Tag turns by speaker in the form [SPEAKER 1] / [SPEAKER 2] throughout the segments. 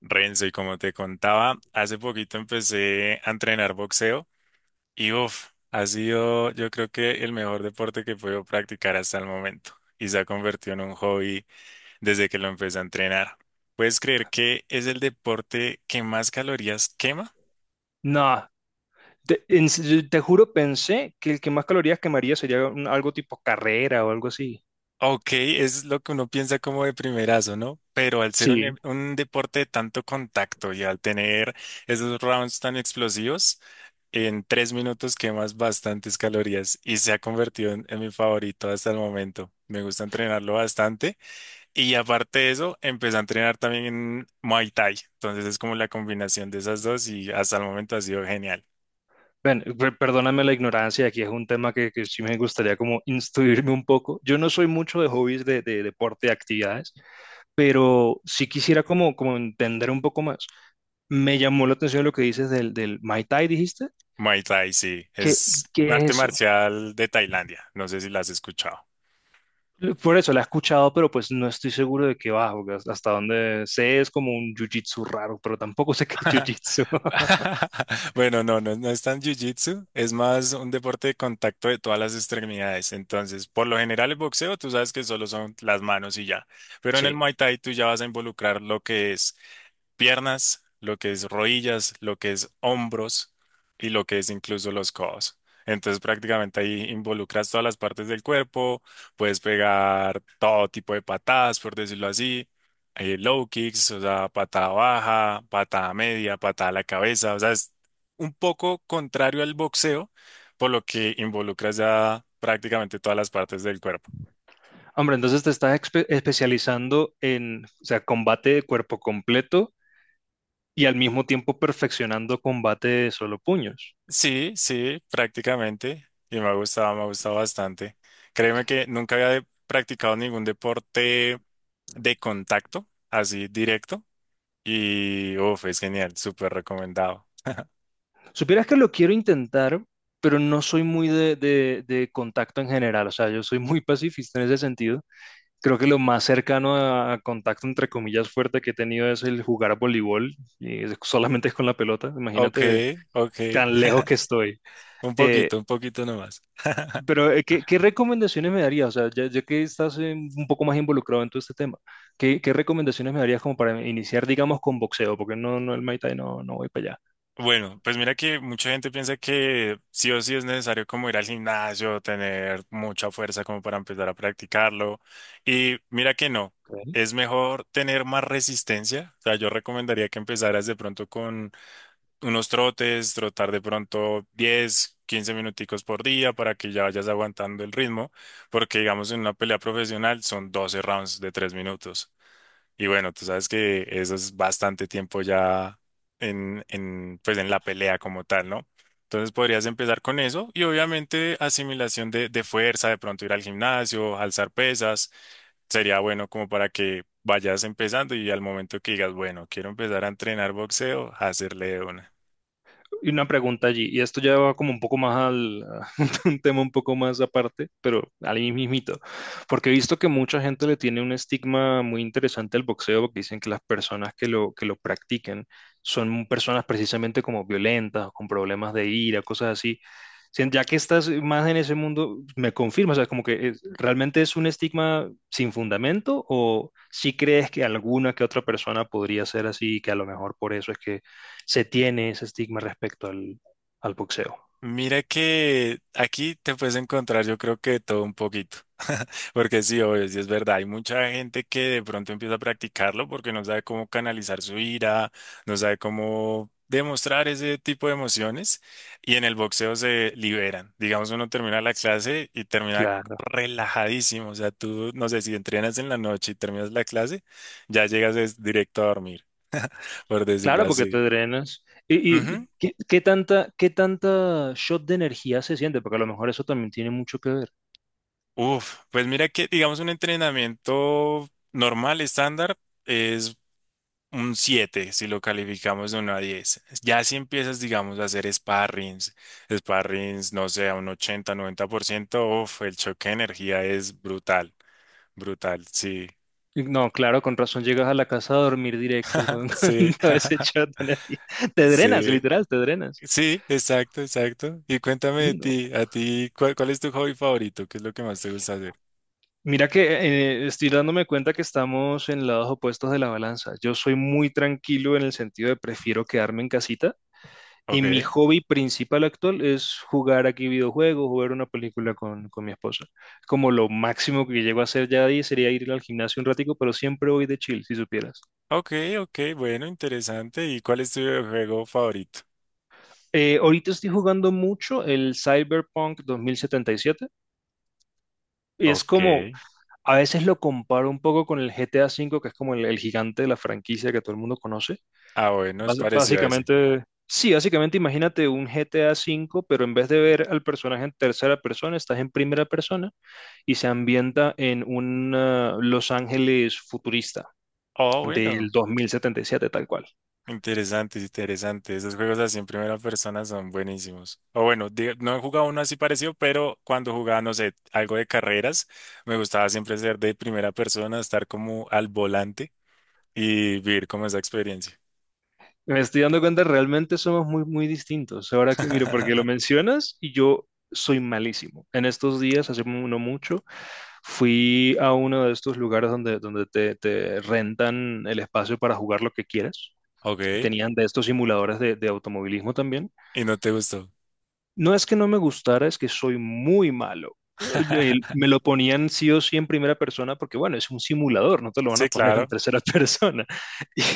[SPEAKER 1] Renzo, y como te contaba, hace poquito empecé a entrenar boxeo y uff, ha sido yo creo que el mejor deporte que puedo practicar hasta el momento y se ha convertido en un hobby desde que lo empecé a entrenar. ¿Puedes creer que es el deporte que más calorías quema?
[SPEAKER 2] No, en serio, te juro, pensé que el que más calorías quemaría sería algo tipo carrera o algo así.
[SPEAKER 1] Ok, es lo que uno piensa como de primerazo, ¿no? Pero al ser
[SPEAKER 2] Sí.
[SPEAKER 1] un deporte de tanto contacto y al tener esos rounds tan explosivos, en tres minutos quemas bastantes calorías y se ha convertido en mi favorito hasta el momento. Me gusta entrenarlo bastante y aparte de eso, empecé a entrenar también en Muay Thai. Entonces es como la combinación de esas dos y hasta el momento ha sido genial.
[SPEAKER 2] Bueno, perdóname la ignorancia, aquí es un tema que sí me gustaría como instruirme un poco. Yo no soy mucho de hobbies de deporte, de actividades, pero sí quisiera como, como entender un poco más. Me llamó la atención lo que dices del Mai Tai, ¿dijiste?
[SPEAKER 1] Muay Thai, sí,
[SPEAKER 2] ¿Qué,
[SPEAKER 1] es un
[SPEAKER 2] qué
[SPEAKER 1] arte
[SPEAKER 2] es eso?
[SPEAKER 1] marcial de Tailandia. No sé si la has escuchado.
[SPEAKER 2] Por eso la he escuchado, pero pues no estoy seguro de qué va, porque hasta donde sé es como un jiu-jitsu raro, pero tampoco sé qué es jiu-jitsu.
[SPEAKER 1] Bueno, no, no, no es tan jiu-jitsu, es más un deporte de contacto de todas las extremidades. Entonces, por lo general el boxeo, tú sabes que solo son las manos y ya. Pero en el
[SPEAKER 2] Sí.
[SPEAKER 1] Muay Thai tú ya vas a involucrar lo que es piernas, lo que es rodillas, lo que es hombros y lo que es incluso los codos. Entonces prácticamente ahí involucras todas las partes del cuerpo, puedes pegar todo tipo de patadas, por decirlo así, low kicks, o sea, patada baja, patada media, patada a la cabeza, o sea, es un poco contrario al boxeo, por lo que involucras ya prácticamente todas las partes del cuerpo.
[SPEAKER 2] Hombre, entonces te estás especializando en, o sea, combate de cuerpo completo y al mismo tiempo perfeccionando combate de solo puños.
[SPEAKER 1] Sí, sí, prácticamente. Y me ha gustado bastante. Créeme que nunca practicado ningún deporte de contacto, así directo. Y uff, es genial, súper recomendado.
[SPEAKER 2] Supieras que lo quiero intentar, pero no soy muy de, de contacto en general, o sea, yo soy muy pacifista en ese sentido. Creo que lo más cercano a contacto, entre comillas, fuerte que he tenido es el jugar voleibol, y solamente con la pelota,
[SPEAKER 1] Ok,
[SPEAKER 2] imagínate
[SPEAKER 1] ok.
[SPEAKER 2] tan lejos que estoy. Eh,
[SPEAKER 1] Un poquito nomás.
[SPEAKER 2] pero, ¿qué, qué recomendaciones me darías? O sea, ya, ya que estás un poco más involucrado en todo este tema, ¿qué, qué recomendaciones me darías como para iniciar, digamos, con boxeo? Porque no, no, el Muay Thai no, no voy para
[SPEAKER 1] Bueno, pues mira que mucha gente piensa que sí o sí es necesario como ir al gimnasio, tener mucha fuerza como para empezar a practicarlo. Y mira que no,
[SPEAKER 2] allá.
[SPEAKER 1] es mejor tener más resistencia. O sea, yo recomendaría que empezaras de pronto con unos trotes, trotar de pronto 10, 15 minuticos por día para que ya vayas aguantando el ritmo, porque digamos en una pelea profesional son 12 rounds de 3 minutos. Y bueno, tú sabes que eso es bastante tiempo ya pues en la pelea como tal, ¿no? Entonces podrías empezar con eso y obviamente asimilación de fuerza, de pronto ir al gimnasio, alzar pesas, sería bueno como para que vayas empezando y al momento que digas, bueno, quiero empezar a entrenar boxeo, hacerle de una.
[SPEAKER 2] Y una pregunta allí, y esto ya va como un poco más al, a un tema un poco más aparte, pero al mismito, porque he visto que mucha gente le tiene un estigma muy interesante al boxeo, porque dicen que las personas que lo practican son personas precisamente como violentas, con problemas de ira, cosas así. Ya que estás más en ese mundo, me confirma, o sea, como que realmente es un estigma sin fundamento, o si crees que alguna que otra persona podría ser así, que a lo mejor por eso es que se tiene ese estigma respecto al, al boxeo.
[SPEAKER 1] Mira que aquí te puedes encontrar yo creo que de todo un poquito, porque sí, obvio, sí es verdad, hay mucha gente que de pronto empieza a practicarlo porque no sabe cómo canalizar su ira, no sabe cómo demostrar ese tipo de emociones y en el boxeo se liberan. Digamos, uno termina la clase y termina
[SPEAKER 2] Claro,
[SPEAKER 1] relajadísimo, o sea, tú, no sé, si entrenas en la noche y terminas la clase, ya llegas es directo a dormir, por decirlo
[SPEAKER 2] claro, porque te
[SPEAKER 1] así.
[SPEAKER 2] drenas. Y qué, qué tanta shot de energía se siente? Porque a lo mejor eso también tiene mucho que ver.
[SPEAKER 1] Uf, pues mira que, digamos, un entrenamiento normal, estándar, es un 7 si lo calificamos de uno a 10. Ya si empiezas, digamos, a hacer sparrings, no sé, a un ochenta, noventa por ciento, uf, el choque de energía es brutal, brutal, sí,
[SPEAKER 2] No, claro, con razón llegas a la casa a dormir directo con, con
[SPEAKER 1] sí,
[SPEAKER 2] todo ese shot de energía. Te drenas,
[SPEAKER 1] sí,
[SPEAKER 2] literal, te drenas.
[SPEAKER 1] sí, exacto, exacto. Y cuéntame de
[SPEAKER 2] No.
[SPEAKER 1] ti, a ti, ¿cuál es tu hobby favorito? ¿Qué es lo que más te gusta hacer?
[SPEAKER 2] Mira que estoy dándome cuenta que estamos en lados opuestos de la balanza. Yo soy muy tranquilo en el sentido de prefiero quedarme en casita. Y
[SPEAKER 1] Ok,
[SPEAKER 2] mi hobby principal actual es jugar aquí videojuegos, jugar una película con mi esposa. Como lo máximo que llego a hacer ya ahí sería ir al gimnasio un ratico, pero siempre voy de chill, si supieras.
[SPEAKER 1] ok, ok, bueno, interesante. ¿Y cuál es tu juego favorito?
[SPEAKER 2] Ahorita estoy jugando mucho el Cyberpunk 2077. Y siete. Y es
[SPEAKER 1] Ok.
[SPEAKER 2] como, a veces lo comparo un poco con el GTA V, que es como el gigante de la franquicia que todo el mundo conoce.
[SPEAKER 1] Ah, bueno, es parecido a ese.
[SPEAKER 2] Básicamente, sí, básicamente imagínate un GTA V, pero en vez de ver al personaje en tercera persona, estás en primera persona y se ambienta en un Los Ángeles futurista
[SPEAKER 1] Oh,
[SPEAKER 2] del
[SPEAKER 1] bueno.
[SPEAKER 2] 2077, tal cual.
[SPEAKER 1] Interesante, interesante. Esos juegos así en primera persona son buenísimos. O bueno, no he jugado uno así parecido, pero cuando jugaba, no sé, algo de carreras, me gustaba siempre ser de primera persona, estar como al volante y vivir como esa experiencia.
[SPEAKER 2] Me estoy dando cuenta, realmente somos muy, muy distintos. Ahora que, mire, porque lo mencionas y yo soy malísimo. En estos días, hace no mucho, fui a uno de estos lugares donde, donde te rentan el espacio para jugar lo que quieras. Y
[SPEAKER 1] Ok.
[SPEAKER 2] tenían de estos simuladores de automovilismo también.
[SPEAKER 1] ¿Y no te gustó?
[SPEAKER 2] No es que no me gustara, es que soy muy malo. Me lo ponían sí o sí en primera persona porque, bueno, es un simulador, no te lo van a
[SPEAKER 1] Sí,
[SPEAKER 2] poner en
[SPEAKER 1] claro.
[SPEAKER 2] tercera persona.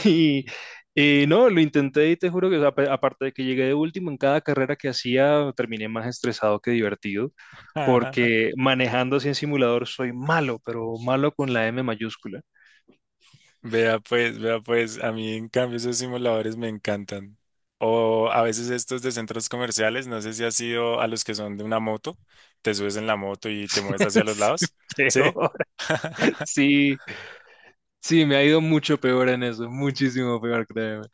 [SPEAKER 2] Y no, lo intenté y te juro que, o sea, aparte de que llegué de último en cada carrera que hacía, terminé más estresado que divertido, porque manejando así en simulador soy malo, pero malo con la M mayúscula.
[SPEAKER 1] Vea pues, a mí en cambio esos simuladores me encantan. O a veces estos de centros comerciales, no sé si has ido a los que son de una moto, te subes en la moto y te mueves hacia los
[SPEAKER 2] Sí,
[SPEAKER 1] lados. ¿Sí?
[SPEAKER 2] peor. Sí, sí, me ha ido mucho peor en eso, muchísimo peor, créeme.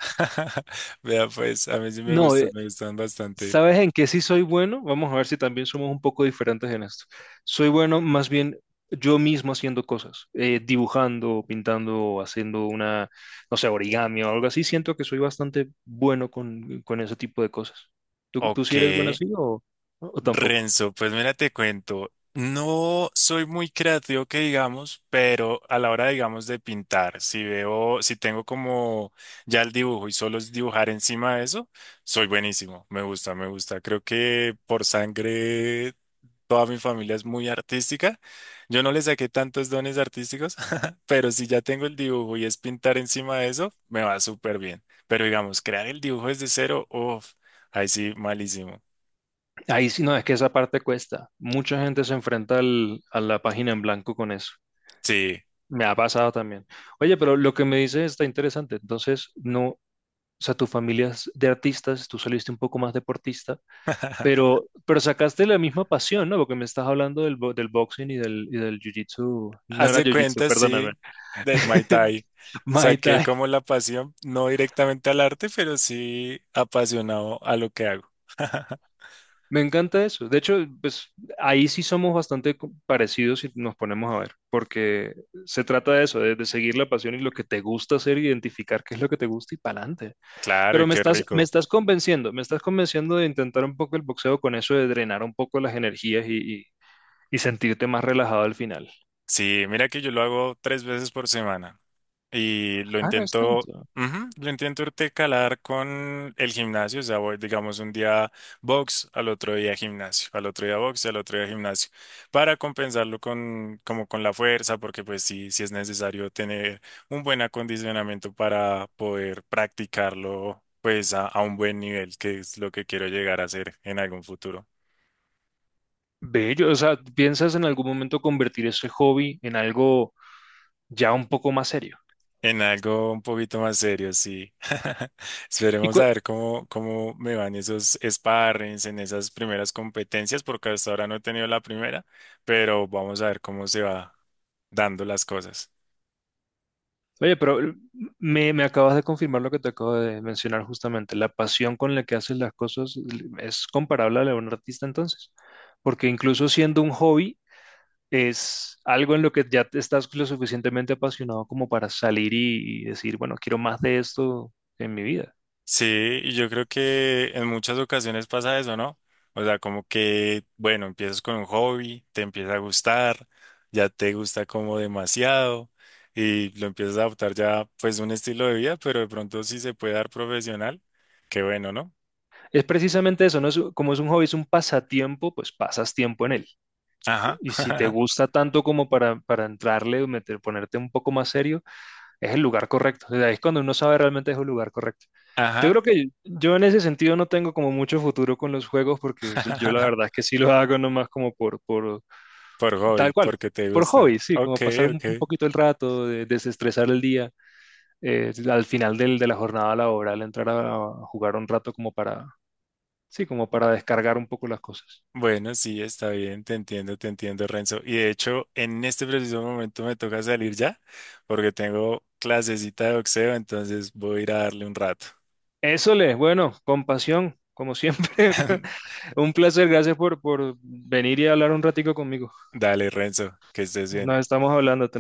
[SPEAKER 1] Vea pues, a mí sí
[SPEAKER 2] No,
[SPEAKER 1] me gustan bastante.
[SPEAKER 2] ¿sabes en qué sí soy bueno? Vamos a ver si también somos un poco diferentes en esto. Soy bueno más bien yo mismo haciendo cosas, dibujando, pintando, haciendo una, no sé, origami o algo así. Siento que soy bastante bueno con ese tipo de cosas. ¿Tú, tú
[SPEAKER 1] Ok,
[SPEAKER 2] sí eres bueno así o tampoco?
[SPEAKER 1] Renzo, pues mira, te cuento, no soy muy creativo que digamos, pero a la hora, digamos, de pintar, si veo, si tengo como ya el dibujo y solo es dibujar encima de eso, soy buenísimo, me gusta, me gusta. Creo que por sangre toda mi familia es muy artística. Yo no le saqué tantos dones artísticos, pero si ya tengo el dibujo y es pintar encima de eso, me va súper bien. Pero digamos, crear el dibujo desde cero, uff, ahí sí, malísimo.
[SPEAKER 2] Ahí sí, no, es que esa parte cuesta. Mucha gente se enfrenta a la página en blanco con eso.
[SPEAKER 1] Sí.
[SPEAKER 2] Me ha pasado también. Oye, pero lo que me dices está interesante. Entonces, no, o sea, tu familia es de artistas, tú saliste un poco más deportista, pero sacaste la misma pasión, ¿no? Porque me estás hablando del, del boxing y del jiu-jitsu. No
[SPEAKER 1] Haz
[SPEAKER 2] era
[SPEAKER 1] de
[SPEAKER 2] jiu-jitsu,
[SPEAKER 1] cuenta,
[SPEAKER 2] perdóname.
[SPEAKER 1] sí, del Muay Thai.
[SPEAKER 2] Muay
[SPEAKER 1] Saqué
[SPEAKER 2] Thai.
[SPEAKER 1] como la pasión, no directamente al arte, pero sí apasionado a lo que hago.
[SPEAKER 2] Me encanta eso. De hecho, pues ahí sí somos bastante parecidos si nos ponemos a ver, porque se trata de eso, de seguir la pasión y lo que te gusta hacer, identificar qué es lo que te gusta y para adelante.
[SPEAKER 1] Claro, y
[SPEAKER 2] Pero
[SPEAKER 1] qué rico.
[SPEAKER 2] me estás convenciendo de intentar un poco el boxeo con eso de drenar un poco las energías y sentirte más relajado al final.
[SPEAKER 1] Sí, mira que yo lo hago 3 veces por semana. Y lo
[SPEAKER 2] Ah, no es
[SPEAKER 1] intento,
[SPEAKER 2] tanto.
[SPEAKER 1] ujú, lo intento intercalar con el gimnasio, o sea, voy, digamos, un día box, al otro día gimnasio, al otro día box, al otro día gimnasio, para compensarlo con, como con la fuerza, porque pues sí, sí es necesario tener un buen acondicionamiento para poder practicarlo, pues a un buen nivel, que es lo que quiero llegar a hacer en algún futuro.
[SPEAKER 2] Bello, o sea, ¿piensas en algún momento convertir ese hobby en algo ya un poco más serio?
[SPEAKER 1] En algo un poquito más serio, sí.
[SPEAKER 2] Y
[SPEAKER 1] Esperemos a ver cómo, cómo me van esos sparrings en esas primeras competencias, porque hasta ahora no he tenido la primera, pero vamos a ver cómo se va dando las cosas.
[SPEAKER 2] oye, pero me, me acabas de confirmar lo que te acabo de mencionar justamente. La pasión con la que haces las cosas es comparable a la de un artista entonces, porque incluso siendo un hobby es algo en lo que ya te estás lo suficientemente apasionado como para salir y decir, bueno, quiero más de esto en mi vida.
[SPEAKER 1] Sí, y yo creo que en muchas ocasiones pasa eso, ¿no? O sea, como que, bueno, empiezas con un hobby, te empieza a gustar, ya te gusta como demasiado y lo empiezas a adoptar ya pues un estilo de vida, pero de pronto sí se puede dar profesional, qué bueno, ¿no?
[SPEAKER 2] Es precisamente eso, ¿no? Es como es un hobby, es un pasatiempo, pues pasas tiempo en él.
[SPEAKER 1] Ajá,
[SPEAKER 2] Y si te gusta tanto como para entrarle, meter, ponerte un poco más serio, es el lugar correcto. O sea, ahí es cuando uno sabe realmente es el lugar correcto. Yo
[SPEAKER 1] ajá,
[SPEAKER 2] creo que yo en ese sentido no tengo como mucho futuro con los juegos porque yo la verdad es que sí lo hago nomás como por
[SPEAKER 1] por
[SPEAKER 2] tal
[SPEAKER 1] hobby,
[SPEAKER 2] cual,
[SPEAKER 1] porque te
[SPEAKER 2] por
[SPEAKER 1] gusta.
[SPEAKER 2] hobby, sí,
[SPEAKER 1] Ok,
[SPEAKER 2] como pasar
[SPEAKER 1] ok.
[SPEAKER 2] un poquito el rato, desestresar el día, al final del, de la jornada laboral, entrar a jugar un rato como para. Sí, como para descargar un poco las cosas.
[SPEAKER 1] Bueno, sí, está bien, te entiendo, Renzo. Y de hecho, en este preciso momento me toca salir ya, porque tengo clasecita de boxeo, entonces voy a ir a darle un rato.
[SPEAKER 2] Eso les, bueno, compasión, como siempre. Un placer, gracias por venir y hablar un ratico conmigo.
[SPEAKER 1] Dale, Renzo, que estés bien.
[SPEAKER 2] Nos estamos hablando.